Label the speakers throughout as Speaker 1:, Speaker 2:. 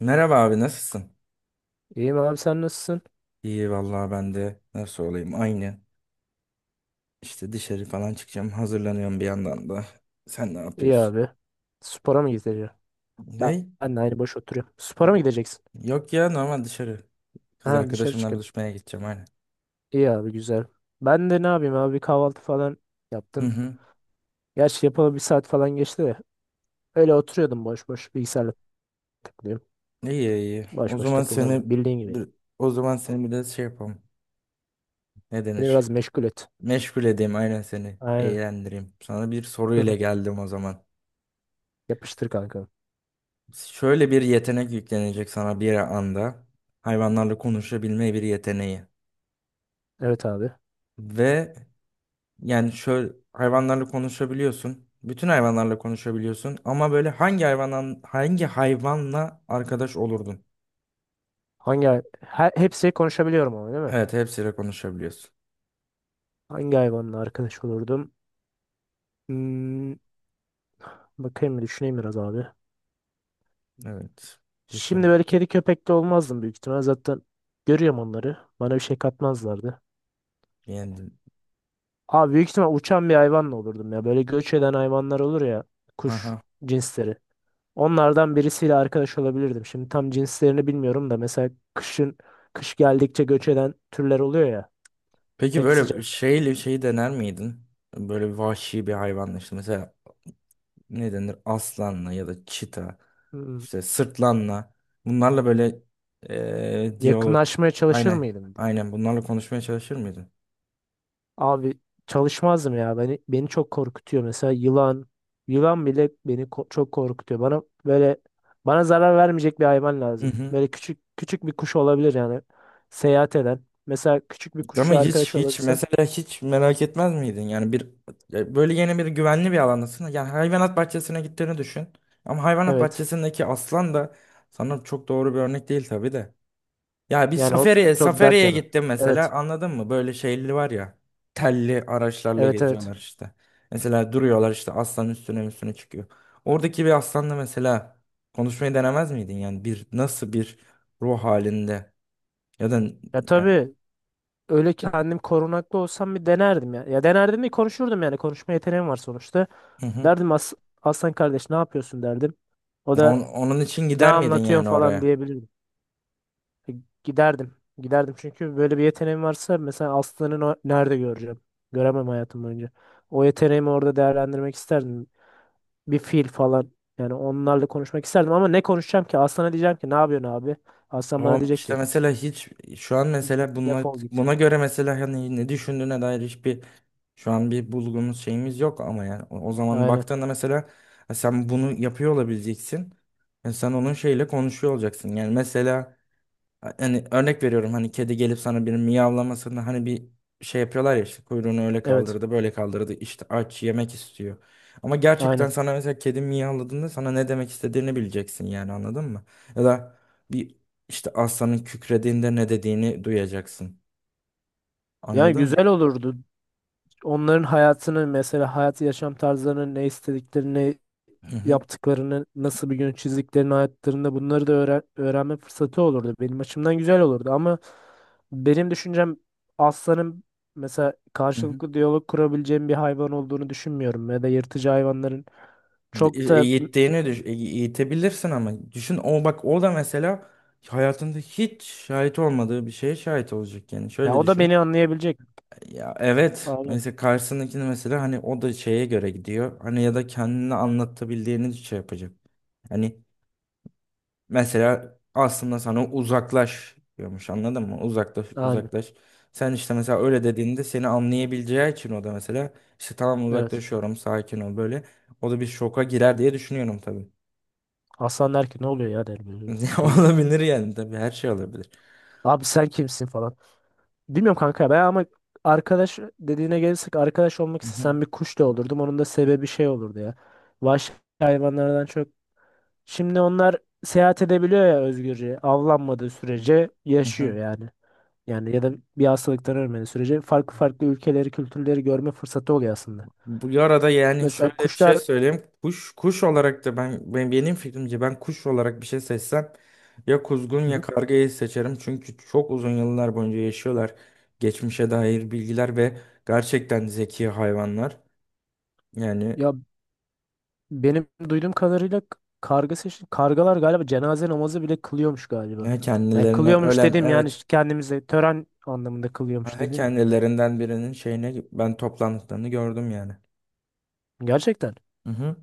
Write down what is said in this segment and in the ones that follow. Speaker 1: Merhaba abi nasılsın?
Speaker 2: İyiyim abi sen nasılsın?
Speaker 1: İyi vallahi ben de nasıl olayım aynı. İşte dışarı falan çıkacağım, hazırlanıyorum bir yandan da. Sen ne
Speaker 2: İyi
Speaker 1: yapıyorsun?
Speaker 2: abi. Spora mı gideceksin? Ben,
Speaker 1: Ne?
Speaker 2: ben de aynı boş oturuyorum. Spora mı gideceksin?
Speaker 1: Yok ya, normal dışarı. Kız
Speaker 2: Ha dışarı
Speaker 1: arkadaşımla
Speaker 2: çıkın.
Speaker 1: buluşmaya gideceğim aynen.
Speaker 2: İyi abi güzel. Ben de ne yapayım abi bir kahvaltı falan
Speaker 1: Hı
Speaker 2: yaptım.
Speaker 1: hı.
Speaker 2: Gerçi yapalı bir saat falan geçti de. Öyle oturuyordum boş boş bilgisayarla takılıyorum.
Speaker 1: İyi iyi. O
Speaker 2: Boş boş
Speaker 1: zaman
Speaker 2: takılmaca.
Speaker 1: seni
Speaker 2: Bildiğin gibi. Ya.
Speaker 1: bir- o zaman seni bir de şey yapalım. Ne
Speaker 2: Beni
Speaker 1: denir?
Speaker 2: biraz meşgul et.
Speaker 1: Meşgul edeyim aynen seni.
Speaker 2: Aynen.
Speaker 1: Eğlendireyim. Sana bir soru ile geldim o zaman.
Speaker 2: Yapıştır kanka.
Speaker 1: Şöyle bir yetenek yüklenecek sana bir anda. Hayvanlarla konuşabilme bir yeteneği.
Speaker 2: Evet abi.
Speaker 1: Ve yani şöyle hayvanlarla konuşabiliyorsun. Bütün hayvanlarla konuşabiliyorsun ama böyle hangi hayvanla arkadaş olurdun?
Speaker 2: Hepsi konuşabiliyorum ama değil mi?
Speaker 1: Evet, hepsiyle konuşabiliyorsun.
Speaker 2: Hangi hayvanla arkadaş olurdum? Hmm, Bakayım bir düşüneyim biraz abi.
Speaker 1: Evet.
Speaker 2: Şimdi
Speaker 1: Düşün.
Speaker 2: böyle kedi köpekli olmazdım büyük ihtimal. Zaten görüyorum onları. Bana bir şey katmazlardı.
Speaker 1: Yani
Speaker 2: Abi büyük ihtimal uçan bir hayvanla olurdum ya. Böyle göç eden hayvanlar olur ya. Kuş
Speaker 1: aha.
Speaker 2: cinsleri. Onlardan birisiyle arkadaş olabilirdim. Şimdi tam cinslerini bilmiyorum da mesela kış geldikçe göç eden türler oluyor ya.
Speaker 1: Peki
Speaker 2: Hep
Speaker 1: böyle
Speaker 2: sıcak.
Speaker 1: şeyle şeyi dener miydin? Böyle vahşi bir hayvanla işte mesela ne denir? Aslanla ya da çita,
Speaker 2: Hmm.
Speaker 1: işte sırtlanla. Bunlarla böyle diyalog,
Speaker 2: Yakınlaşmaya çalışır
Speaker 1: aynen
Speaker 2: mıydım?
Speaker 1: aynen bunlarla konuşmaya çalışır mıydın?
Speaker 2: Abi çalışmazdım ya. Beni çok korkutuyor. Mesela yılan bile beni çok korkutuyor. Bana zarar vermeyecek bir hayvan lazım.
Speaker 1: Mhm.
Speaker 2: Böyle küçük küçük bir kuş olabilir yani. Seyahat eden. Mesela küçük bir
Speaker 1: Ama
Speaker 2: kuşla
Speaker 1: hiç
Speaker 2: arkadaş
Speaker 1: hiç
Speaker 2: olabilsen.
Speaker 1: mesela hiç merak etmez miydin? Yani bir böyle yeni bir güvenli bir alandasın. Yani hayvanat bahçesine gittiğini düşün. Ama hayvanat
Speaker 2: Evet.
Speaker 1: bahçesindeki aslan da sana çok doğru bir örnek değil tabii de. Ya bir
Speaker 2: Yani o
Speaker 1: safariye
Speaker 2: çok dert
Speaker 1: safariye
Speaker 2: yanı.
Speaker 1: gittim
Speaker 2: Evet.
Speaker 1: mesela, anladın mı? Böyle şeyli var ya, telli araçlarla
Speaker 2: Evet, evet.
Speaker 1: geziyorlar işte. Mesela duruyorlar işte, aslan üstüne üstüne çıkıyor. Oradaki bir aslanla mesela konuşmayı denemez miydin? Yani bir nasıl bir ruh halinde ya da
Speaker 2: Ya
Speaker 1: yani,
Speaker 2: tabii öyle ki kendim korunaklı olsam bir denerdim ya. Ya denerdim mi konuşurdum yani. Konuşma yeteneğim var sonuçta.
Speaker 1: hı hı.
Speaker 2: Derdim Aslan kardeş ne yapıyorsun derdim. O
Speaker 1: Ya
Speaker 2: da
Speaker 1: onun için
Speaker 2: ne
Speaker 1: gider miydin
Speaker 2: anlatıyorsun
Speaker 1: yani
Speaker 2: falan
Speaker 1: oraya?
Speaker 2: diyebilirdi. E, Giderdim. Giderdim çünkü böyle bir yeteneğim varsa mesela aslanı nerede göreceğim? Göremem hayatım boyunca. O yeteneğimi orada değerlendirmek isterdim. Bir fil falan. Yani onlarla konuşmak isterdim ama ne konuşacağım ki? Aslana diyeceğim ki ne yapıyorsun abi? Aslan bana
Speaker 1: O
Speaker 2: diyecek
Speaker 1: işte
Speaker 2: ki
Speaker 1: mesela hiç şu an mesela buna
Speaker 2: defol git.
Speaker 1: buna göre mesela hani ne düşündüğüne dair hiçbir şu an bir bulgumuz şeyimiz yok, ama yani o zaman
Speaker 2: Aynen.
Speaker 1: baktığında mesela sen bunu yapıyor olabileceksin. Yani sen onun şeyle konuşuyor olacaksın. Yani mesela, hani örnek veriyorum, hani kedi gelip sana bir miyavlamasını, hani bir şey yapıyorlar ya işte, kuyruğunu öyle
Speaker 2: Evet.
Speaker 1: kaldırdı böyle kaldırdı işte aç, yemek istiyor. Ama gerçekten
Speaker 2: Aynen.
Speaker 1: sana mesela kedi miyavladığında sana ne demek istediğini bileceksin, yani anladın mı? Ya da bir işte aslanın kükrediğinde ne dediğini duyacaksın.
Speaker 2: Yani
Speaker 1: Anladın mı?
Speaker 2: güzel olurdu. Onların hayatını mesela hayat yaşam tarzlarını ne istediklerini
Speaker 1: Hı hı.
Speaker 2: yaptıklarını, nasıl bir gün çizdiklerini hayatlarında bunları da öğrenme fırsatı olurdu. Benim açımdan güzel olurdu ama benim düşüncem aslanın mesela
Speaker 1: Hı hı.
Speaker 2: karşılıklı diyalog kurabileceğim bir hayvan olduğunu düşünmüyorum ya da yırtıcı hayvanların çok da
Speaker 1: Eğittiğini eğitebilirsin ama düşün, o bak o da mesela hayatında hiç şahit olmadığı bir şeye şahit olacak, yani
Speaker 2: ya
Speaker 1: şöyle
Speaker 2: o da
Speaker 1: düşün.
Speaker 2: beni anlayabilecek.
Speaker 1: Ya evet.
Speaker 2: Aynen.
Speaker 1: Mesela karşısındakini mesela hani o da şeye göre gidiyor. Hani ya da kendini anlatabildiğini şey yapacak. Hani mesela aslında sana uzaklaş diyormuş, anladın mı? Uzaklaş
Speaker 2: Aynen.
Speaker 1: uzaklaş. Sen işte mesela öyle dediğinde seni anlayabileceği için o da mesela işte tamam,
Speaker 2: Evet.
Speaker 1: uzaklaşıyorum, sakin ol böyle. O da bir şoka girer diye düşünüyorum tabii.
Speaker 2: Aslan der ki ne oluyor ya der böyle bir durur.
Speaker 1: Olabilir yani, tabii her şey olabilir.
Speaker 2: Abi sen kimsin falan. Bilmiyorum kanka ben ama arkadaş dediğine gelirsek arkadaş olmak
Speaker 1: Hı hı.
Speaker 2: istesem bir kuş da olurdum. Onun da sebebi şey olurdu ya. Vahşi hayvanlardan çok. Şimdi onlar seyahat edebiliyor ya özgürce. Avlanmadığı sürece
Speaker 1: Hı hı.
Speaker 2: yaşıyor yani. Yani ya da bir hastalıktan ölmediği sürece farklı farklı ülkeleri, kültürleri görme fırsatı oluyor aslında.
Speaker 1: Bu arada yani
Speaker 2: Mesela
Speaker 1: şöyle bir şey
Speaker 2: kuşlar.
Speaker 1: söyleyeyim. Kuş, kuş olarak da ben benim fikrimce ben kuş olarak bir şey seçsem, ya kuzgun
Speaker 2: Hı
Speaker 1: ya
Speaker 2: hı.
Speaker 1: kargayı seçerim. Çünkü çok uzun yıllar boyunca yaşıyorlar. Geçmişe dair bilgiler ve gerçekten zeki hayvanlar. Yani
Speaker 2: Ya benim duyduğum kadarıyla karga seçti. Kargalar galiba cenaze namazı bile kılıyormuş
Speaker 1: he,
Speaker 2: galiba. Yani
Speaker 1: kendilerine
Speaker 2: kılıyormuş
Speaker 1: ölen,
Speaker 2: dedim yani
Speaker 1: evet,
Speaker 2: kendimize tören anlamında kılıyormuş
Speaker 1: he
Speaker 2: dedim.
Speaker 1: kendilerinden birinin şeyine ben toplandıklarını gördüm yani.
Speaker 2: Gerçekten.
Speaker 1: Hı hı.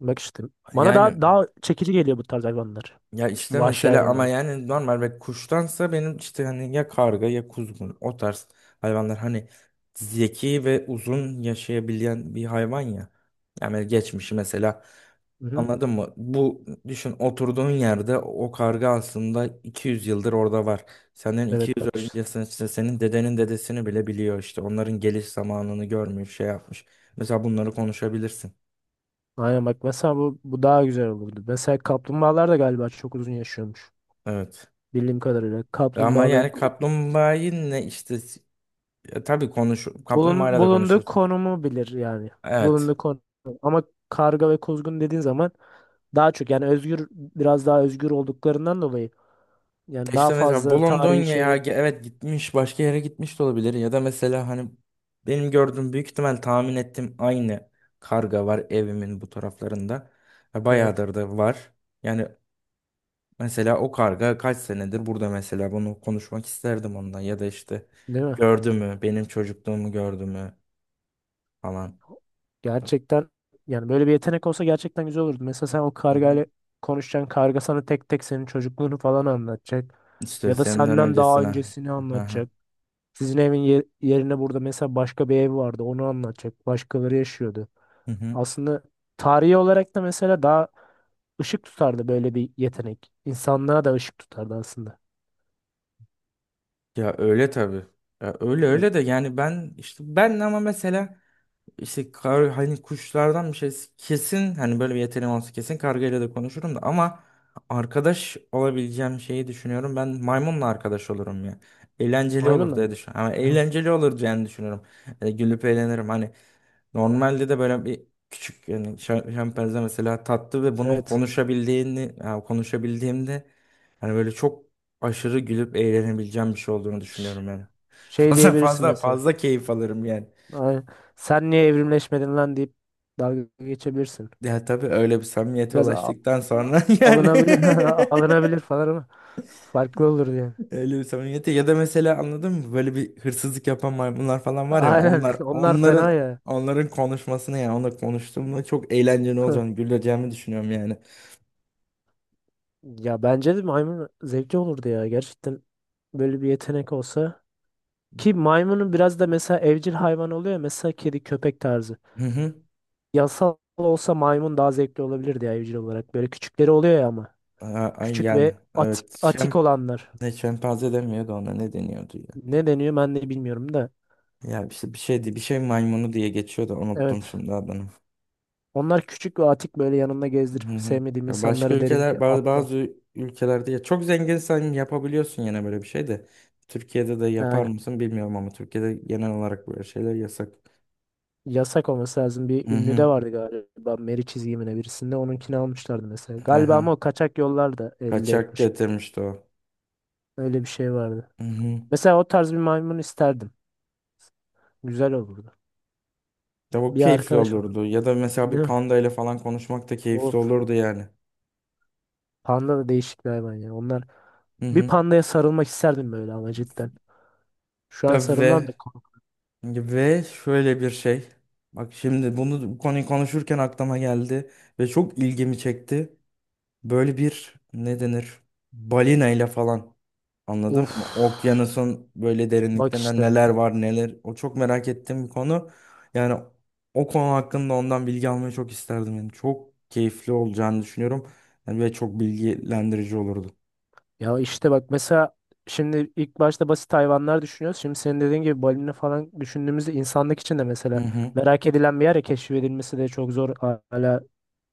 Speaker 2: Bak işte. Bana
Speaker 1: Yani
Speaker 2: daha daha çekici geliyor bu tarz hayvanlar.
Speaker 1: ya işte
Speaker 2: Vahşi
Speaker 1: mesela, ama
Speaker 2: hayvanlar.
Speaker 1: yani normal ve kuştansa benim işte hani ya karga ya kuzgun o tarz hayvanlar, hani zeki ve uzun yaşayabilen bir hayvan ya. Yani geçmişi mesela,
Speaker 2: Hı hı.
Speaker 1: anladın mı? Bu düşün, oturduğun yerde o karga aslında 200 yıldır orada var. Senden
Speaker 2: Evet,
Speaker 1: 200
Speaker 2: bak işte.
Speaker 1: öncesini işte, senin dedenin dedesini bile biliyor işte. Onların geliş zamanını görmüş, şey yapmış. Mesela bunları konuşabilirsin.
Speaker 2: Aynen, bak mesela bu daha güzel olurdu. Mesela kaplumbağalar da galiba çok uzun yaşıyormuş.
Speaker 1: Evet.
Speaker 2: Bildiğim kadarıyla.
Speaker 1: Ama
Speaker 2: Kaplumbağa ve
Speaker 1: yani kaplumbağayı ne işte, ya tabii konuş,
Speaker 2: bulun,
Speaker 1: kaplumbağayla da
Speaker 2: bulunduğu
Speaker 1: konuşursun.
Speaker 2: konumu bilir yani.
Speaker 1: Evet.
Speaker 2: Bulunduğu konum. Ama karga ve kuzgun dediğin zaman daha çok yani özgür biraz daha özgür olduklarından dolayı yani daha
Speaker 1: İşte mesela
Speaker 2: fazla
Speaker 1: bulunduğun,
Speaker 2: tarihi
Speaker 1: ya
Speaker 2: şey,
Speaker 1: evet gitmiş başka yere gitmiş de olabilir, ya da mesela hani benim gördüğüm, büyük ihtimal tahmin ettiğim aynı karga var evimin bu taraflarında. Ya
Speaker 2: evet.
Speaker 1: bayağıdır da var. Yani mesela o karga kaç senedir burada, mesela bunu konuşmak isterdim ondan, ya da işte
Speaker 2: Değil mi?
Speaker 1: gördü mü benim çocukluğumu, gördü mü falan.
Speaker 2: Gerçekten yani böyle bir yetenek olsa gerçekten güzel olurdu. Mesela sen o
Speaker 1: Hı hı.
Speaker 2: kargayla konuşacaksın. Karga sana tek tek senin çocukluğunu falan anlatacak.
Speaker 1: İşte
Speaker 2: Ya da
Speaker 1: senden
Speaker 2: senden daha
Speaker 1: öncesine.
Speaker 2: öncesini
Speaker 1: Hı hı.
Speaker 2: anlatacak. Sizin evin yerine burada mesela başka bir ev vardı. Onu anlatacak. Başkaları yaşıyordu.
Speaker 1: Hı hı.
Speaker 2: Aslında tarihi olarak da mesela daha ışık tutardı böyle bir yetenek. İnsanlığa da ışık tutardı aslında.
Speaker 1: Ya öyle tabii. Ya öyle
Speaker 2: Yani
Speaker 1: öyle de yani ben işte ben ama mesela işte kar, hani kuşlardan bir şey kesin, hani böyle bir yeteneğim olsa kesin kargayla da konuşurum da, ama arkadaş olabileceğim şeyi düşünüyorum. Ben maymunla arkadaş olurum ya. Eğlenceli olur
Speaker 2: maymunla mı?
Speaker 1: diye düşünüyorum. Ama
Speaker 2: Hı.
Speaker 1: eğlenceli olur diye düşünüyorum. Yani gülüp eğlenirim. Hani normalde de böyle bir küçük yani şempanze mesela tatlı ve bunun
Speaker 2: Evet.
Speaker 1: konuşabildiğini, yani konuşabildiğimde hani böyle çok aşırı gülüp eğlenebileceğim bir şey olduğunu
Speaker 2: Ş-
Speaker 1: düşünüyorum yani.
Speaker 2: Şey
Speaker 1: Fazla
Speaker 2: diyebilirsin
Speaker 1: fazla
Speaker 2: mesela.
Speaker 1: fazla keyif alırım yani.
Speaker 2: Aynen. Sen niye evrimleşmedin lan deyip dalga geçebilirsin.
Speaker 1: Ya tabii öyle bir samimiyete
Speaker 2: Biraz
Speaker 1: ulaştıktan
Speaker 2: a-
Speaker 1: sonra yani
Speaker 2: alınabilir alınabilir falan ama farklı olur yani.
Speaker 1: öyle bir samimiyete, ya da mesela anladın mı, böyle bir hırsızlık yapan maymunlar falan var ya,
Speaker 2: Aynen,
Speaker 1: onlar
Speaker 2: onlar fena
Speaker 1: onların
Speaker 2: ya.
Speaker 1: onların konuşmasını, yani onunla konuştuğumda çok eğlenceli olacağını, güleceğimi düşünüyorum yani.
Speaker 2: Ya bence de maymun zevkli olurdu ya gerçekten böyle bir yetenek olsa. Ki maymunun biraz da mesela evcil hayvan oluyor ya mesela kedi köpek tarzı.
Speaker 1: Hı hı.
Speaker 2: Yasal olsa maymun daha zevkli olabilirdi ya evcil olarak. Böyle küçükleri oluyor ya ama.
Speaker 1: Aa, ay
Speaker 2: Küçük
Speaker 1: yani
Speaker 2: ve atik,
Speaker 1: evet
Speaker 2: atik
Speaker 1: şem,
Speaker 2: olanlar.
Speaker 1: ne şempanze demiyordu ona, ne deniyordu ya.
Speaker 2: Ne deniyor ben de bilmiyorum da.
Speaker 1: Ya işte bir şeydi, bir şey maymunu diye geçiyordu, unuttum
Speaker 2: Evet.
Speaker 1: şimdi adını.
Speaker 2: Onlar küçük ve atik böyle yanımda gezdirip
Speaker 1: Hı hı.
Speaker 2: sevmediğim
Speaker 1: Ya başka
Speaker 2: insanlara derim ki
Speaker 1: ülkeler bazı,
Speaker 2: atla.
Speaker 1: bazı ülkelerde ya çok zenginsen yapabiliyorsun yine böyle bir şey de. Türkiye'de de
Speaker 2: Ha,
Speaker 1: yapar
Speaker 2: aynen.
Speaker 1: mısın bilmiyorum, ama Türkiye'de genel olarak böyle şeyler yasak.
Speaker 2: Yasak olması lazım.
Speaker 1: Hı
Speaker 2: Bir ünlü de
Speaker 1: hı.
Speaker 2: vardı galiba. Meri çizgimine birisinde. Onunkini almışlardı mesela.
Speaker 1: Hı
Speaker 2: Galiba ama
Speaker 1: hı.
Speaker 2: o kaçak yollarda elde
Speaker 1: Kaçak
Speaker 2: etmiş.
Speaker 1: getirmişti o.
Speaker 2: Öyle bir şey vardı.
Speaker 1: Hı hı.
Speaker 2: Mesela o tarz bir maymun isterdim. Güzel olurdu.
Speaker 1: Ya bu
Speaker 2: Bir
Speaker 1: keyifli
Speaker 2: arkadaş olur.
Speaker 1: olurdu. Ya da mesela bir
Speaker 2: Değil mi?
Speaker 1: panda ile falan konuşmak da keyifli
Speaker 2: Of.
Speaker 1: olurdu yani.
Speaker 2: Panda da değişik bir hayvan ya. Onlar
Speaker 1: Hı
Speaker 2: bir
Speaker 1: hı.
Speaker 2: pandaya sarılmak isterdim böyle ama cidden. Şu an
Speaker 1: Ya
Speaker 2: sarılmam da
Speaker 1: ve
Speaker 2: kork-
Speaker 1: ve şöyle bir şey. Bak şimdi bunu, bu konuyu konuşurken aklıma geldi ve çok ilgimi çekti. Böyle bir ne denir? Balina ile falan. Anladın
Speaker 2: Of.
Speaker 1: mı? Okyanusun böyle
Speaker 2: Bak
Speaker 1: derinliklerinde
Speaker 2: işte.
Speaker 1: neler var neler. O çok merak ettiğim bir konu. Yani o konu hakkında ondan bilgi almayı çok isterdim. Yani çok keyifli olacağını düşünüyorum. Yani ve çok bilgilendirici olurdu.
Speaker 2: Ya işte bak mesela şimdi ilk başta basit hayvanlar düşünüyoruz. Şimdi senin dediğin gibi balina falan düşündüğümüzde insanlık için de
Speaker 1: Hı
Speaker 2: mesela
Speaker 1: hı.
Speaker 2: merak edilen bir yer ya keşfedilmesi de çok zor, hala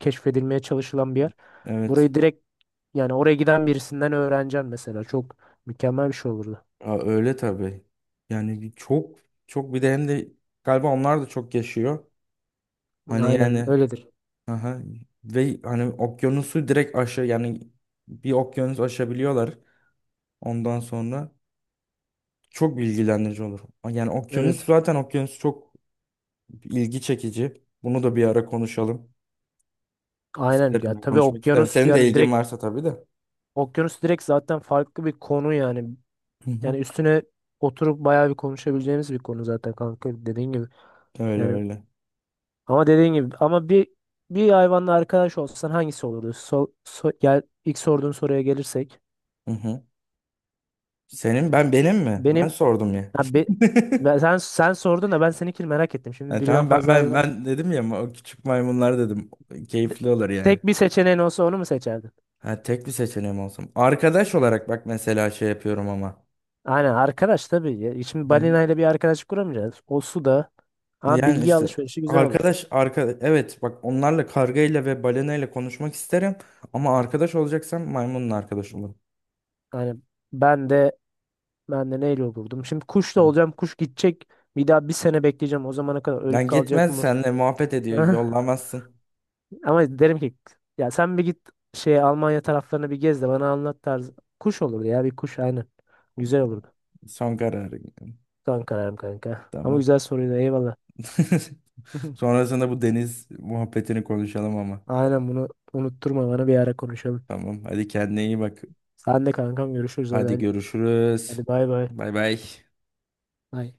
Speaker 2: keşfedilmeye çalışılan bir yer.
Speaker 1: Evet.
Speaker 2: Burayı direkt yani oraya giden birisinden öğreneceğim mesela çok mükemmel bir şey olurdu.
Speaker 1: Aa, öyle tabii. Yani çok, çok bir de hem de galiba onlar da çok yaşıyor. Hani
Speaker 2: Aynen
Speaker 1: yani
Speaker 2: öyledir.
Speaker 1: aha. Ve hani okyanusu direkt aşı yani, bir okyanus aşabiliyorlar ondan sonra. Çok bilgilendirici olur. Yani okyanus,
Speaker 2: Evet.
Speaker 1: zaten okyanus çok ilgi çekici. Bunu da bir ara konuşalım.
Speaker 2: Aynen
Speaker 1: İsterim,
Speaker 2: ya
Speaker 1: ben
Speaker 2: tabii
Speaker 1: konuşmak isterim.
Speaker 2: okyanus
Speaker 1: Senin de
Speaker 2: yani
Speaker 1: ilgin
Speaker 2: direkt
Speaker 1: varsa tabii de.
Speaker 2: okyanus direkt zaten farklı bir konu yani.
Speaker 1: Hı hı.
Speaker 2: Yani üstüne oturup bayağı bir konuşabileceğimiz bir konu zaten kanka dediğin gibi.
Speaker 1: Öyle
Speaker 2: Yani.
Speaker 1: öyle.
Speaker 2: Ama dediğin gibi ama bir hayvanla arkadaş olsan hangisi olurdu? Gel ilk sorduğun soruya gelirsek.
Speaker 1: Hı hı. Senin, benim mi? Ben
Speaker 2: Benim
Speaker 1: sordum ya.
Speaker 2: ha, be- ben, sen sen sordun da ben seninkini merak ettim. Şimdi
Speaker 1: Ha,
Speaker 2: birden
Speaker 1: tamam, ben
Speaker 2: fazla
Speaker 1: ben
Speaker 2: hayvan
Speaker 1: ben dedim ya, o küçük maymunlar dedim.
Speaker 2: de-
Speaker 1: Keyifli olur yani.
Speaker 2: tek bir seçeneğin olsa onu mu seçerdin?
Speaker 1: Ha, tek bir seçeneğim olsun. Arkadaş
Speaker 2: Evet.
Speaker 1: olarak bak mesela şey yapıyorum ama.
Speaker 2: Aynen arkadaş tabii. Ya. Şimdi
Speaker 1: Hı hı.
Speaker 2: balinayla bir arkadaşlık kuramayacağız. O su da ama
Speaker 1: Yani
Speaker 2: bilgi
Speaker 1: işte
Speaker 2: alışverişi güzel olur.
Speaker 1: arkadaş evet, bak onlarla kargayla ve balenayla konuşmak isterim, ama arkadaş olacaksam maymunla arkadaş olurum.
Speaker 2: Yani ben de ben de neyle olurdum? Şimdi kuş da
Speaker 1: Hı.
Speaker 2: olacağım. Kuş gidecek. Bir daha bir sene bekleyeceğim. O zamana kadar ölüp
Speaker 1: Lan
Speaker 2: kalacak
Speaker 1: gitmez,
Speaker 2: mı?
Speaker 1: senle muhabbet ediyor, yollamazsın.
Speaker 2: Ama derim ki ya sen bir git şey Almanya taraflarını bir gez de bana anlat tarzı. Kuş olurdu ya bir kuş aynen. Güzel olurdu.
Speaker 1: Son kararı.
Speaker 2: Son kararım kanka. Ama
Speaker 1: Tamam.
Speaker 2: güzel soruydu eyvallah.
Speaker 1: Sonrasında bu deniz muhabbetini konuşalım ama.
Speaker 2: Aynen, bunu unutturma bana bir ara konuşalım.
Speaker 1: Tamam, hadi kendine iyi bak.
Speaker 2: Sen de kankam, görüşürüz
Speaker 1: Hadi
Speaker 2: hadi.
Speaker 1: görüşürüz.
Speaker 2: Hadi bay bay.
Speaker 1: Bay bay.
Speaker 2: Bay.